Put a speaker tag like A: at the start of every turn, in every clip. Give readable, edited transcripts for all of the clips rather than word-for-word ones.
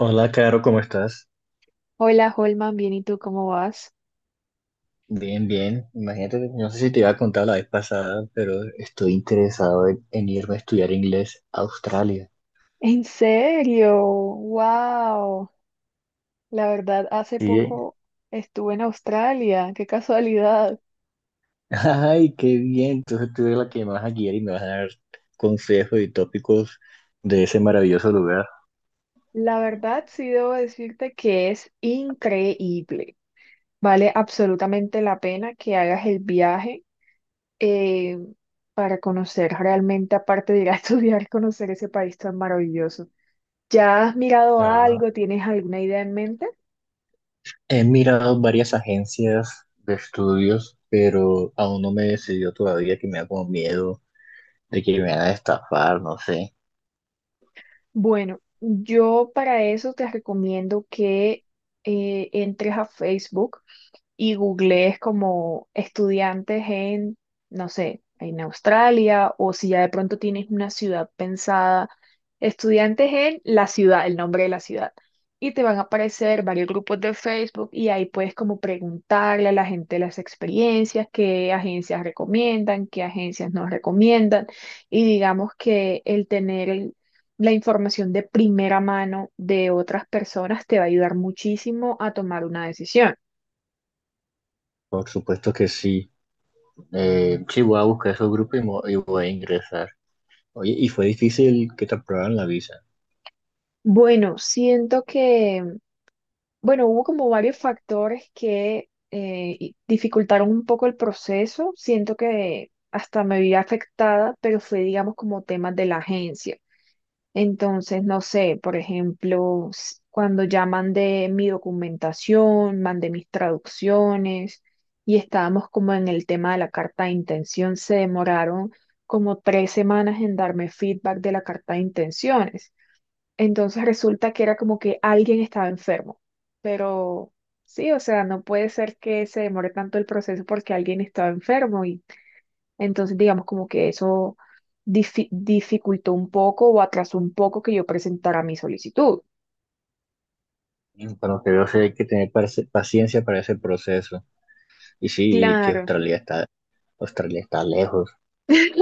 A: Hola, Caro, ¿cómo estás?
B: Hola, Holman, bien, ¿y tú cómo vas?
A: Bien, bien. Imagínate, no sé si te iba a contar la vez pasada, pero estoy interesado en irme a estudiar inglés a Australia.
B: ¿En serio? ¡Wow! La verdad, hace
A: Sí.
B: poco estuve en Australia, qué casualidad.
A: Ay, qué bien. Entonces tú eres la que me vas a guiar y me vas a dar consejos y tópicos de ese maravilloso lugar.
B: La verdad, sí debo decirte que es increíble. Vale absolutamente la pena que hagas el viaje eh, para conocer realmente, aparte de ir a estudiar, conocer ese país tan maravilloso. ¿Ya has mirado
A: Ah,
B: algo? ¿Tienes alguna idea en mente?
A: He mirado varias agencias de estudios, pero aún no me decidió todavía que me da como miedo de que me van a estafar, no sé.
B: Bueno, yo para eso te recomiendo que entres a Facebook y googleé es como estudiantes en, no sé, en Australia o si ya de pronto tienes una ciudad pensada, estudiantes en la ciudad, el nombre de la ciudad. Y te van a aparecer varios grupos de Facebook y ahí puedes como preguntarle a la gente las experiencias, qué agencias recomiendan, qué agencias no recomiendan. Y digamos que el tener la información de primera mano de otras personas te va a ayudar muchísimo a tomar una decisión.
A: Por supuesto que sí. Sí, voy a buscar esos grupos y, y voy a ingresar. Oye, ¿y fue difícil que te aprobaran la visa?
B: Bueno, siento que, bueno, hubo como varios factores que dificultaron un poco el proceso. Siento que hasta me vi afectada, pero fue, digamos, como temas de la agencia. Entonces, no sé, por ejemplo, cuando ya mandé mi documentación, mandé mis traducciones y estábamos como en el tema de la carta de intención, se demoraron como 3 semanas en darme feedback de la carta de intenciones. Entonces resulta que era como que alguien estaba enfermo. Pero sí, o sea, no puede ser que se demore tanto el proceso porque alguien estaba enfermo y entonces digamos como que eso dificultó un poco o atrasó un poco que yo presentara mi solicitud.
A: Mm, por lo que veo, sí hay que tener paciencia para ese proceso. Y sí, y que
B: Claro,
A: Australia está lejos.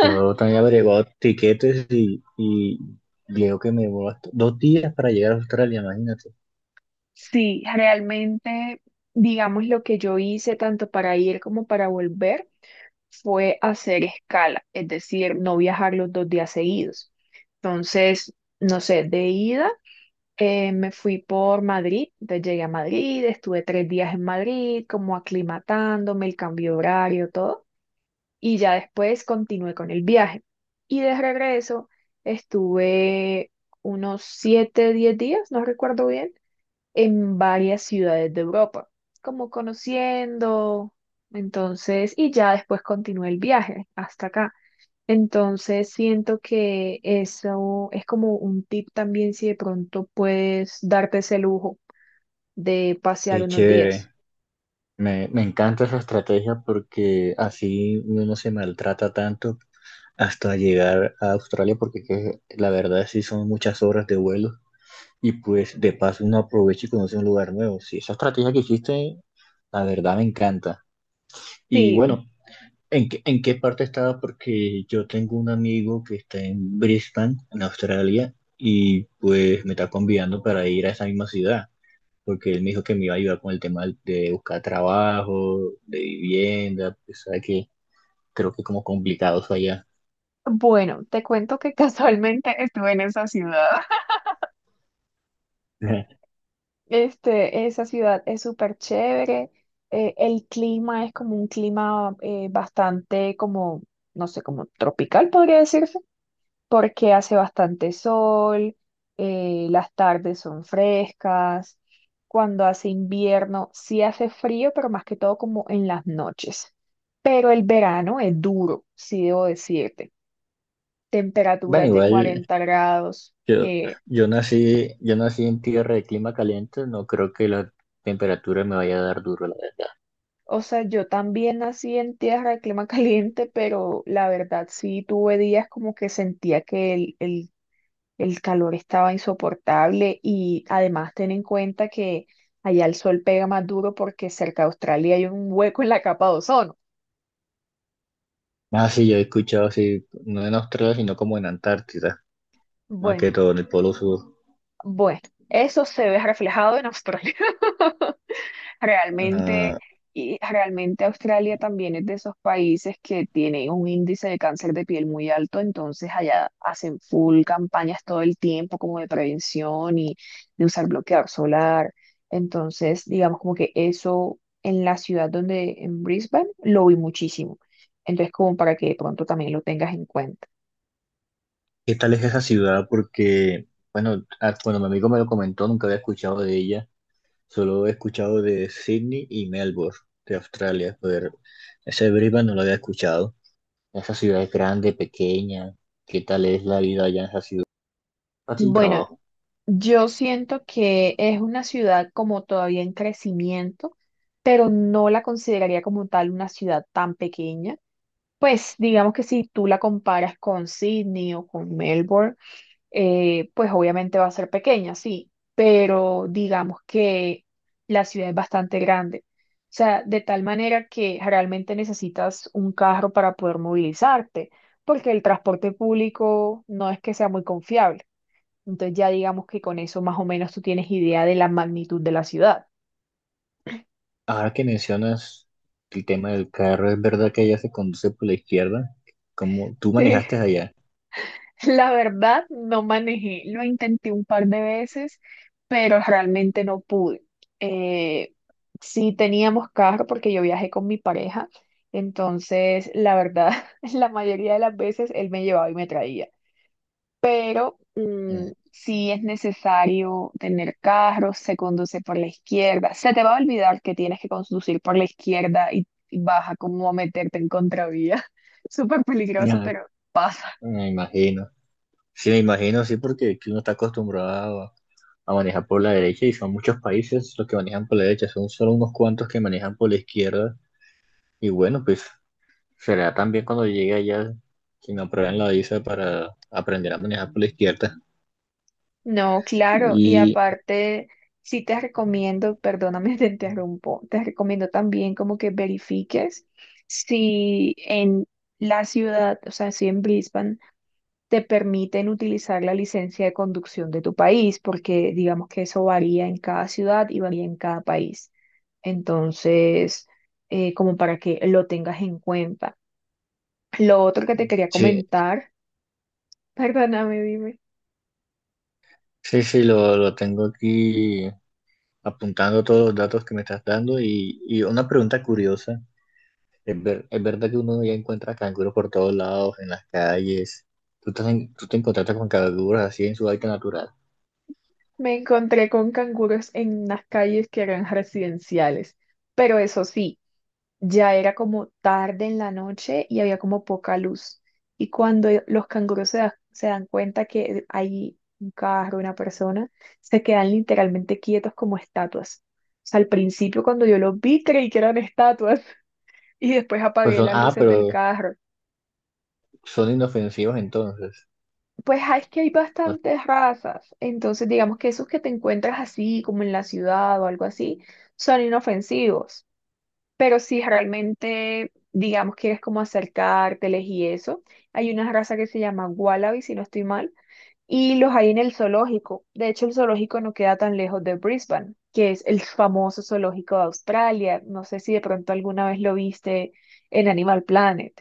A: Yo también he averiguado tiquetes y creo que me llevó dos días para llegar a Australia, imagínate.
B: sí, realmente, digamos, lo que yo hice tanto para ir como para volver fue hacer escala, es decir, no viajar los 2 días seguidos. Entonces, no sé, de ida. Me fui por Madrid, entonces llegué a Madrid, estuve 3 días en Madrid, como aclimatándome, el cambio de horario, todo, y ya después continué con el viaje. Y de regreso estuve unos 7, 10 días, no recuerdo bien, en varias ciudades de Europa, como conociendo, entonces, y ya después continué el viaje hasta acá. Entonces siento que eso es como un tip también si de pronto puedes darte ese lujo de pasear
A: Qué
B: unos
A: chévere.
B: días.
A: Me encanta esa estrategia porque así uno no se maltrata tanto hasta llegar a Australia, porque que la verdad sí son muchas horas de vuelo. Y pues de paso uno aprovecha y conoce un lugar nuevo. Sí, esa estrategia que hiciste, la verdad me encanta. Y
B: Sí,
A: bueno, ¿en qué parte estaba? Porque yo tengo un amigo que está en Brisbane, en Australia, y pues me está convidando para ir a esa misma ciudad, porque él me dijo que me iba a ayudar con el tema de buscar trabajo, de vivienda, pues sabe que creo que es como complicado eso allá.
B: bueno, te cuento que casualmente estuve en esa ciudad. Este, esa ciudad es súper chévere. El clima es como un clima bastante como, no sé, como tropical podría decirse. Porque hace bastante sol, las tardes son frescas, cuando hace invierno sí hace frío, pero más que todo como en las noches. Pero el verano es duro, sí debo decirte.
A: Bueno,
B: Temperaturas de
A: igual
B: 40 grados,
A: Yo,
B: que,
A: yo nací en tierra de clima caliente, no creo que la temperatura me vaya a dar duro, la verdad.
B: o sea, yo también nací en tierra de clima caliente, pero la verdad sí tuve días como que sentía que el calor estaba insoportable y además ten en cuenta que allá el sol pega más duro porque cerca de Australia hay un hueco en la capa de ozono.
A: Ah, sí, yo he escuchado así, no en Australia, sino como en Antártida, más
B: Bueno,
A: que todo en el Polo Sur.
B: bueno, eso se ve reflejado en Australia. Realmente,
A: Ah,
B: y realmente Australia también es de esos países que tiene un índice de cáncer de piel muy alto, entonces allá hacen full campañas todo el tiempo como de prevención y de usar bloqueador solar. Entonces, digamos como que eso en la ciudad donde, en Brisbane, lo vi muchísimo. Entonces, como para que de pronto también lo tengas en cuenta.
A: ¿Qué tal es esa ciudad? Porque, bueno, cuando mi amigo me lo comentó, nunca había escuchado de ella, solo he escuchado de Sydney y Melbourne, de Australia, pero ese Brisbane no lo había escuchado. ¿Esa ciudad es grande, pequeña, qué tal es la vida allá en esa ciudad? Fácil
B: Bueno,
A: trabajo.
B: yo siento que es una ciudad como todavía en crecimiento, pero no la consideraría como tal una ciudad tan pequeña. Pues digamos que si tú la comparas con Sydney o con Melbourne, pues obviamente va a ser pequeña, sí, pero digamos que la ciudad es bastante grande. O sea, de tal manera que realmente necesitas un carro para poder movilizarte, porque el transporte público no es que sea muy confiable. Entonces ya digamos que con eso más o menos tú tienes idea de la magnitud de la ciudad.
A: Ahora que mencionas el tema del carro, ¿es verdad que allá se conduce por la izquierda? ¿Cómo tú manejaste allá?
B: Sí, la verdad no manejé, lo intenté un par de veces, pero realmente no pude. Eh, sí teníamos carro porque yo viajé con mi pareja, entonces la verdad la mayoría de las veces él me llevaba y me traía. Pero
A: Eh,
B: sí es necesario tener carro, se conduce por la izquierda. Se te va a olvidar que tienes que conducir por la izquierda y vas a como meterte en contravía. Súper
A: ya,
B: peligroso, pero
A: me imagino. Sí, me imagino, sí, porque aquí uno está acostumbrado a manejar por la derecha y son muchos países los que manejan por la derecha, son solo unos cuantos que manejan por la izquierda. Y bueno, pues será también cuando llegue allá que me aprueben la visa para aprender a manejar por la izquierda.
B: no, claro. Y
A: Y
B: aparte, sí te recomiendo, perdóname, te interrumpo, te recomiendo también como que verifiques si en la ciudad, o sea, si en Brisbane, te permiten utilizar la licencia de conducción de tu país, porque digamos que eso varía en cada ciudad y varía en cada país. Entonces, como para que lo tengas en cuenta. Lo otro que te quería
A: sí,
B: comentar, perdóname, dime,
A: sí, sí, lo tengo aquí apuntando todos los datos que me estás dando y una pregunta curiosa. Es, ¿es verdad que uno ya encuentra canguros por todos lados, en las calles? ¿Tú te encontraste con canguros así en su hábitat natural?
B: me encontré con canguros en unas calles que eran residenciales, pero eso sí. Ya era como tarde en la noche y había como poca luz. Y cuando los canguros se dan cuenta que hay un carro, una persona, se quedan literalmente quietos como estatuas. O sea, al principio cuando yo los vi creí que eran estatuas y después
A: Pues
B: apagué
A: son,
B: las
A: ah,
B: luces del
A: pero
B: carro.
A: son inofensivos entonces.
B: Pues ah, es que hay
A: Pues,
B: bastantes razas. Entonces digamos que esos que te encuentras así como en la ciudad o algo así son inofensivos. Pero si realmente, digamos, quieres como acercárteles y eso, hay una raza que se llama Wallaby, si no estoy mal, y los hay en el zoológico. De hecho, el zoológico no queda tan lejos de Brisbane, que es el famoso zoológico de Australia. No sé si de pronto alguna vez lo viste en Animal Planet.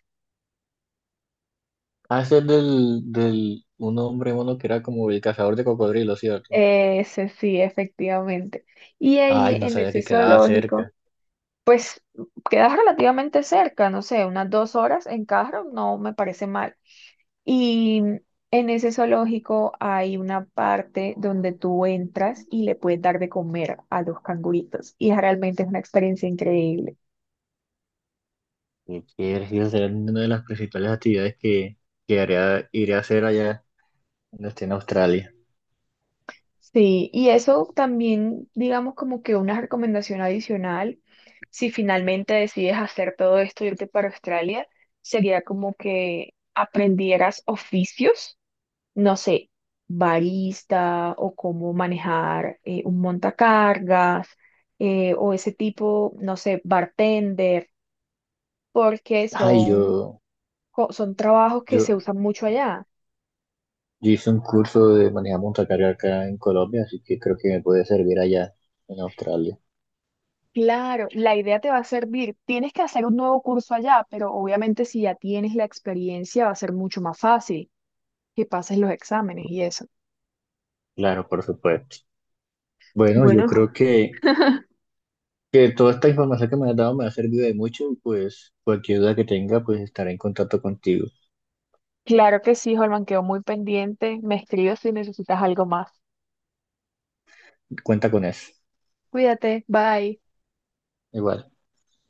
A: ah, ese es del un hombre mono que era como el cazador de cocodrilos, ¿cierto?
B: Ese sí, efectivamente. Y
A: Ay,
B: ahí
A: no
B: en
A: sabía
B: ese
A: que quedaba
B: zoológico,
A: cerca.
B: pues quedas relativamente cerca, no sé, unas 2 horas en carro, no me parece mal. Y en ese zoológico hay una parte donde tú entras y le puedes dar de comer a los canguritos. Y realmente es una experiencia increíble.
A: Qué chévere, sí, esa será una de las principales actividades que iré a hacer allá cuando esté en Australia.
B: Sí, y eso también, digamos, como que una recomendación adicional, si finalmente decides hacer todo esto y irte para Australia, sería como que aprendieras oficios no sé, barista o cómo manejar un montacargas o ese tipo, no sé, bartender, porque
A: Ay,
B: son,
A: yo,
B: son trabajos que se
A: yo,
B: usan mucho allá.
A: Yo hice un curso de manejo montacarga acá en Colombia, así que creo que me puede servir allá en Australia.
B: Claro, la idea te va a servir. Tienes que hacer un nuevo curso allá, pero obviamente si ya tienes la experiencia va a ser mucho más fácil que pases los exámenes y eso.
A: Claro, por supuesto. Bueno, yo
B: Bueno,
A: creo que toda esta información que me has dado me ha servido de mucho y pues cualquier duda que tenga, pues estaré en contacto contigo.
B: claro que sí, Holman, quedo muy pendiente. Me escribes si necesitas algo más.
A: Cuenta con eso.
B: Cuídate, bye.
A: Igual.